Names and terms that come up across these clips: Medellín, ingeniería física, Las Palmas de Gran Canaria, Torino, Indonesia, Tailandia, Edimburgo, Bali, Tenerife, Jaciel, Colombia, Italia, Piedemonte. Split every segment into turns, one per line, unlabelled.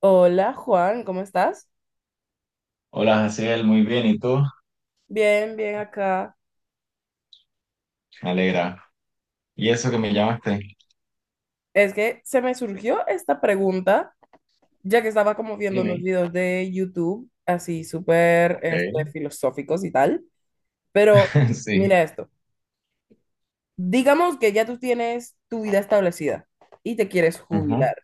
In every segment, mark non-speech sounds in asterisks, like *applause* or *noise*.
Hola Juan, ¿cómo estás?
Hola, Jaciel, muy bien, ¿y tú?
Bien, bien acá.
Me alegra. ¿Y eso que me llamaste?
Es que se me surgió esta pregunta, ya que estaba como viendo unos
Dime.
videos de YouTube, así súper
Ok.
filosóficos y tal. Pero
*laughs* Sí.
mira esto, digamos que ya tú tienes tu vida establecida y te quieres
Ujú.
jubilar.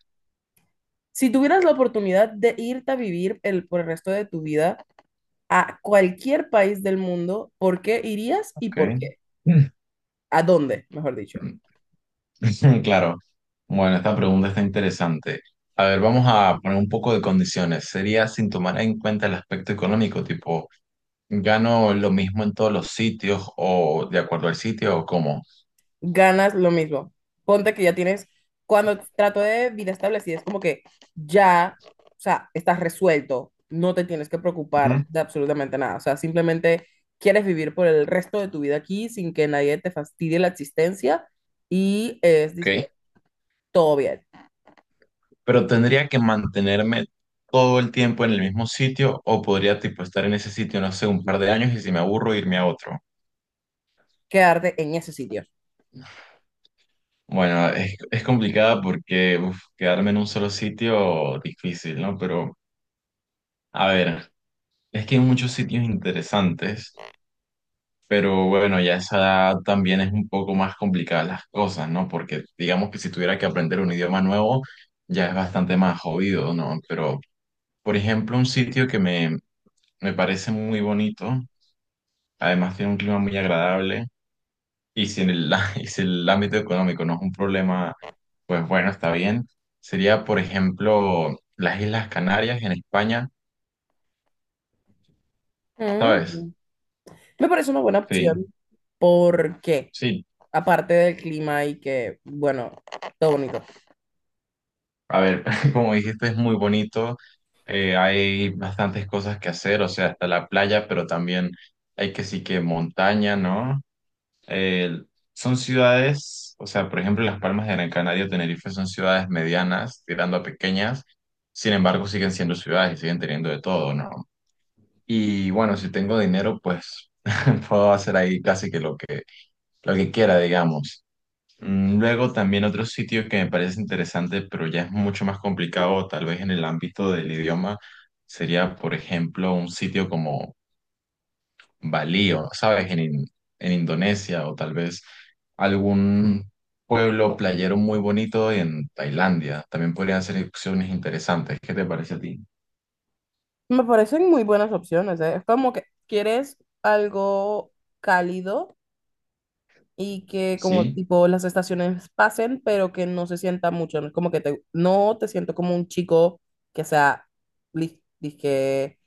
Si tuvieras la oportunidad de irte a vivir por el resto de tu vida a cualquier país del mundo, ¿por qué irías y por
Ok.
qué? ¿A dónde, mejor dicho?
*laughs* Claro. Bueno, esta pregunta está interesante. A ver, vamos a poner un poco de condiciones. Sería sin tomar en cuenta el aspecto económico, tipo, ¿gano lo mismo en todos los sitios o de acuerdo al sitio o cómo?
Ganas lo mismo. Ponte que ya tienes, cuando trato de vida establecida, es como que ya, o sea, estás resuelto, no te tienes que preocupar
Ujú.
de absolutamente nada, o sea, simplemente quieres vivir por el resto de tu vida aquí sin que nadie te fastidie la existencia y es,
Ok.
dizque, todo bien.
Pero tendría que mantenerme todo el tiempo en el mismo sitio o podría, tipo, estar en ese sitio, no sé, un par de años y si me aburro, irme a otro.
Quedarte en ese sitio.
Bueno, es complicada porque uf, quedarme en un solo sitio difícil, ¿no? Pero, a ver, es que hay muchos sitios interesantes, pero bueno, ya a esa edad también es un poco más complicadas las cosas, ¿no? Porque digamos que si tuviera que aprender un idioma nuevo, ya es bastante más jodido, ¿no? Pero, por ejemplo, un sitio que me parece muy bonito, además tiene un clima muy agradable. Y si en el, *laughs* Y si el ámbito económico no es un problema, pues bueno, está bien. Sería, por ejemplo, las Islas Canarias en España, ¿sabes?
Ujú. Me parece una buena
Sí,
opción. ¿Por qué?
sí.
Aparte del clima y que, bueno, todo bonito.
A ver, *laughs* como dijiste, es muy bonito. Hay bastantes cosas que hacer, o sea, hasta la playa, pero también hay que sí que montaña, ¿no? Eh, Son ciudades, o sea, por ejemplo, Las Palmas de Gran Canaria o Tenerife son ciudades medianas, tirando a pequeñas. Sin embargo, siguen siendo ciudades y siguen teniendo de todo, ¿no? Y bueno, si tengo dinero, pues *laughs* puedo hacer ahí casi que, lo que quiera, digamos. Luego también otro sitio que me parece interesante, pero ya es mucho más complicado, tal vez en el ámbito del idioma, sería, por ejemplo, un sitio como Bali, o, ¿sabes? En Indonesia, o tal vez algún pueblo playero muy bonito en Tailandia. También podrían ser opciones interesantes. ¿Qué te parece a ti?
Me parecen muy buenas opciones, ¿eh? Es como que quieres algo cálido y que como
Sí.
tipo las estaciones pasen, pero que no se sienta mucho, no es como que te, no te siento como un chico que sea, li- dije,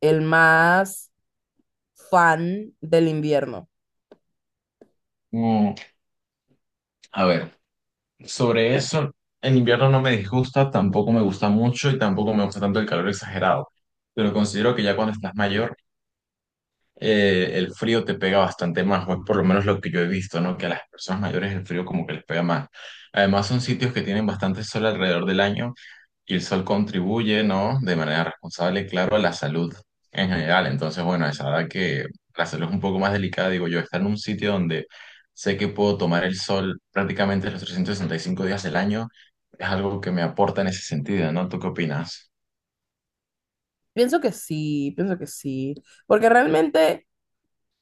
el más fan del invierno.
Mm, a ver. Sobre eso, en invierno no me disgusta, tampoco me gusta mucho y tampoco me gusta tanto el calor exagerado. Pero considero que ya cuando estás mayor, el frío te pega bastante más, o es por lo menos lo que yo he visto, ¿no? Que a las personas mayores el frío como que les pega más. Además, son sitios que tienen bastante sol alrededor del año, y el sol contribuye, ¿no? De manera responsable, claro, a la salud en general. Entonces, bueno, es verdad que la salud es un poco más delicada, digo yo, estar en un sitio donde sé que puedo tomar el sol prácticamente los 365 días del año es algo que me aporta en ese sentido, ¿no? ¿Tú qué opinas?
Pienso que sí, porque realmente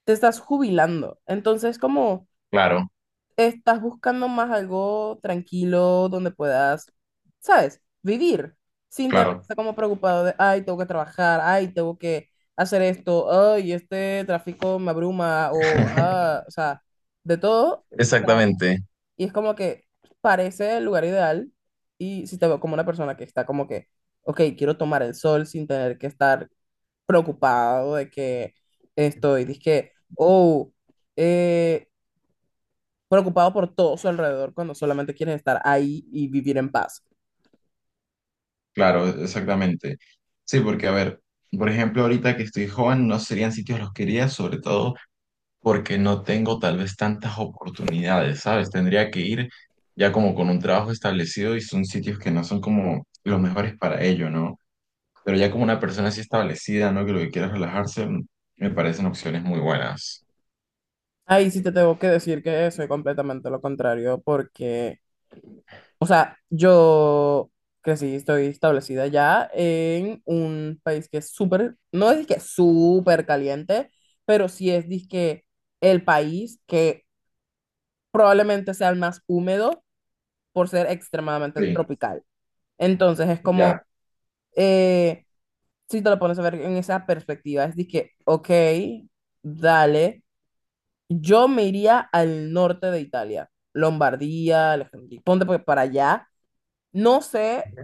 te estás jubilando, entonces como
Claro,
estás buscando más algo tranquilo donde puedas, ¿sabes? Vivir sin tener que
claro.
estar como preocupado de, ay, tengo que trabajar, ay, tengo que hacer esto, ay, este tráfico me abruma o,
*laughs*
ah, o sea, de todo. O sea,
Exactamente,
y es como que parece el lugar ideal y si te veo como una persona que está como que, ok, quiero tomar el sol sin tener que estar preocupado de que estoy, dizque, oh, eh, preocupado por todo su alrededor cuando solamente quieres estar ahí y vivir en paz.
claro, exactamente. Sí, porque a ver, por ejemplo, ahorita que estoy joven, no serían sitios los que iría, sobre todo porque no tengo tal vez tantas oportunidades, ¿sabes? Tendría que ir ya como con un trabajo establecido y son sitios que no son como los mejores para ello, ¿no? Pero ya como una persona así establecida, ¿no? Que lo que quiera es relajarse, me parecen opciones muy buenas.
Ahí sí te tengo que decir que soy completamente lo contrario porque, o sea, yo crecí, estoy establecida ya en un país que es súper, no es que súper caliente, pero sí es disque el país que probablemente sea el más húmedo por ser extremadamente
Sí,
tropical. Entonces es como,
ya.
eh, si te lo pones a ver en esa perspectiva, es de que, ok, dale, yo me iría al norte de Italia, Lombardía, Alejandría, ponte pues para allá. No sé,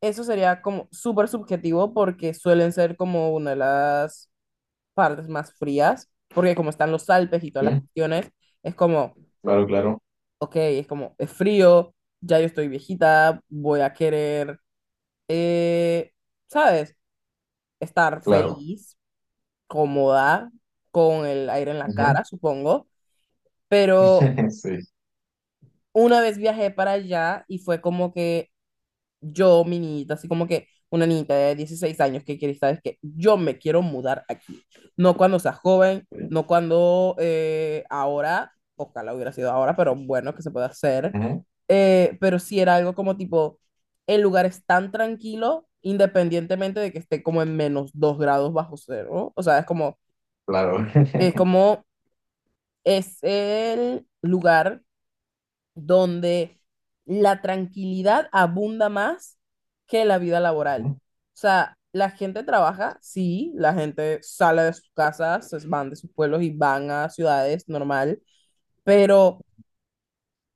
eso sería como súper subjetivo porque suelen ser como una de las partes más frías, porque como están los Alpes y todas las
Sí,
cuestiones, es como,
claro, claro,
ok, es como, es frío, ya yo estoy viejita, voy a querer, eh, ¿sabes? Estar
claro.
feliz, cómoda, con el aire en la
Ujú.
cara, supongo, pero
*laughs* Sí,
una vez viajé para allá y fue como que yo, mi niñita, así como que una niñita de 16 años que quiere, sabes que yo me quiero mudar aquí, no cuando sea joven,
sí.
no cuando ahora, ojalá hubiera sido ahora, pero bueno, que se puede hacer.
Ujú.
Pero sí era algo como tipo, el lugar es tan tranquilo, independientemente de que esté como en menos 2 grados bajo cero, o sea, es como...
Claro.
Es
*laughs*
como es el lugar donde la tranquilidad abunda más que la vida laboral.
Ujú.
O sea, la gente trabaja, sí, la gente sale de sus casas, se van de sus pueblos y van a ciudades normal, pero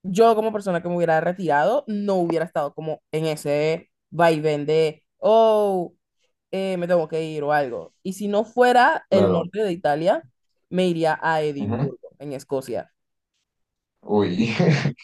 yo como persona que me hubiera retirado no hubiera estado como en ese vaivén de, oh, me tengo que ir o algo. Y si no fuera el
Claro.
norte de Italia, me iría a
Ujú.
Edimburgo, en Escocia.
Uy. *laughs*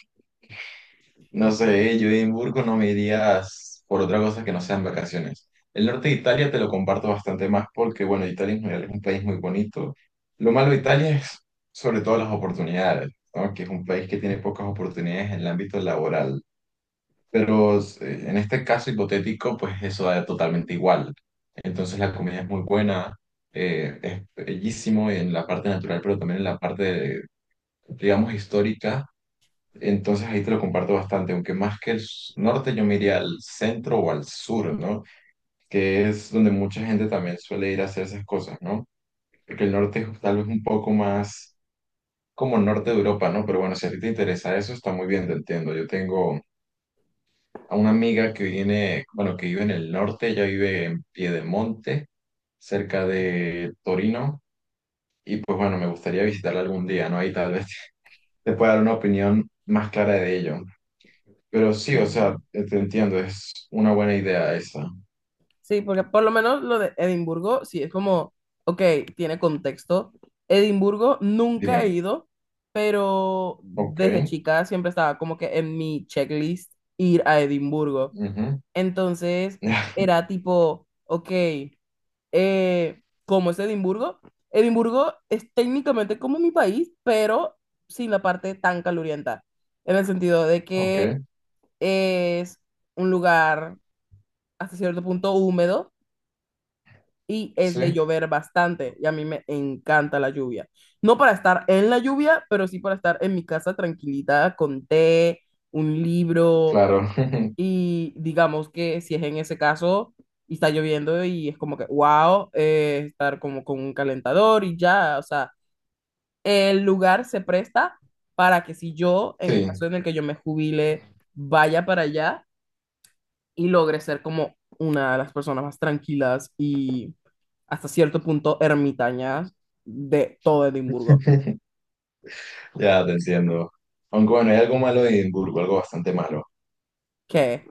No sé, yo a Edimburgo no me irías por otra cosa que no sean vacaciones. El norte de Italia te lo comparto bastante más porque, bueno, Italia en general es un país muy bonito. Lo malo de Italia es sobre todo las oportunidades, ¿no? Que es un país que tiene pocas oportunidades en el ámbito laboral. Pero en este caso hipotético, pues eso da totalmente igual. Entonces la comida es muy buena, es bellísimo en la parte natural, pero también en la parte, digamos, histórica. Entonces ahí te lo comparto bastante, aunque más que el norte yo me iría al centro o al sur, ¿no? Que es donde mucha gente también suele ir a hacer esas cosas, ¿no? Porque el norte es tal vez un poco más como el norte de Europa, ¿no? Pero bueno, si a ti te interesa eso, está muy bien, te entiendo. Yo tengo a una amiga que viene, bueno, que vive en el norte, ella vive en Piedemonte, cerca de Torino, y pues bueno, me gustaría visitarla algún día, ¿no? Ahí tal vez *laughs* te pueda dar una opinión más clara de ello. Pero sí, o sea,
Sí.
te entiendo, es una buena idea esa.
Sí, porque por lo menos lo de Edimburgo, sí, es como, ok, tiene contexto. Edimburgo nunca he
Dime.
ido, pero
Ok.
desde chica siempre estaba como que en mi checklist ir a Edimburgo.
Ujú.
Entonces
*laughs*
era tipo, ok, ¿cómo es Edimburgo? Edimburgo es técnicamente como mi país, pero sin la parte tan calurienta, en el sentido de
Ok.
que es un lugar hasta cierto punto húmedo y es
Sí,
de llover bastante y a mí me encanta la lluvia. No para estar en la lluvia, pero sí para estar en mi casa tranquilita con té, un libro,
claro. *laughs*
y digamos que si es en ese caso y está lloviendo y es como que, wow, estar como con un calentador y ya, o sea, el lugar se presta para que si yo, en un
Sí,
caso en el que yo me jubile, vaya para allá y logre ser como una de las personas más tranquilas y hasta cierto punto ermitañas de todo Edimburgo.
*laughs* ya te entiendo. Aunque bueno, hay algo malo en Edimburgo, algo bastante malo.
Que,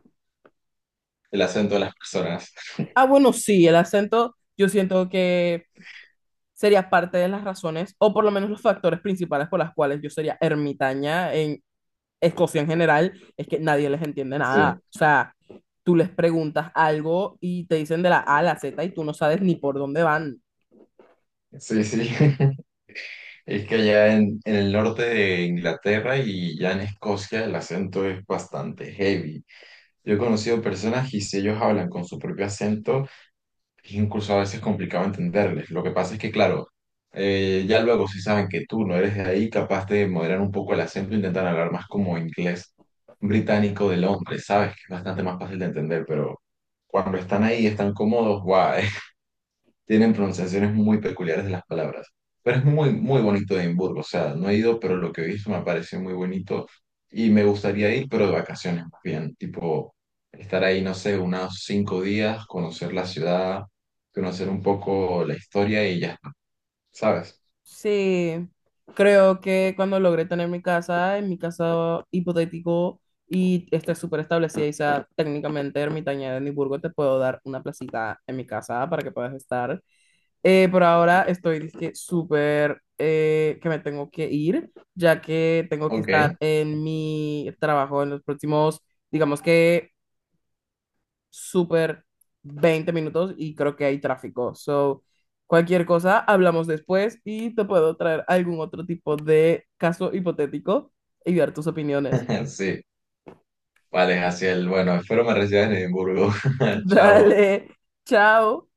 El acento de las personas.
ah, bueno, sí, el acento yo siento que sería parte de las razones, o por lo menos los factores principales por las cuales yo sería ermitaña en Escocia en general, es que nadie les entiende nada.
Sí,
O sea, tú les preguntas algo y te dicen de la A a la Z y tú no sabes ni por dónde van.
sí, sí. *laughs* Es que allá en el norte de Inglaterra y ya en Escocia el acento es bastante heavy. Yo he conocido personas y si ellos hablan con su propio acento, es incluso a veces complicado entenderles. Lo que pasa es que, claro, ya luego si saben que tú no eres de ahí, capaz de moderar un poco el acento, intentan hablar más como inglés británico de Londres, ¿sabes? Que es bastante más fácil de entender, pero cuando están ahí, están cómodos, guau, tienen pronunciaciones muy peculiares de las palabras. Pero es muy, muy bonito Edimburgo, o sea, no he ido, pero lo que he visto me parece muy bonito y me gustaría ir, pero de vacaciones más bien, tipo estar ahí, no sé, unos 5 días, conocer la ciudad, conocer un poco la historia y ya está, ¿sabes?
Sí, creo que cuando logré tener mi casa, en mi casa hipotético, y esté súper establecida y sea técnicamente ermitaña de Edimburgo, te puedo dar una placita en mi casa para que puedas estar. Por ahora estoy dizque, súper que me tengo que ir, ya que tengo que
Ok,
estar en mi trabajo en los próximos, digamos que súper 20 minutos, y creo que hay tráfico. So, cualquier cosa, hablamos después y te puedo traer algún otro tipo de caso hipotético y ver tus opiniones.
*laughs* sí. Vale, Jaciel, bueno, espero me recibas en Edimburgo.
*laughs*
*laughs* Chao.
Dale, chao.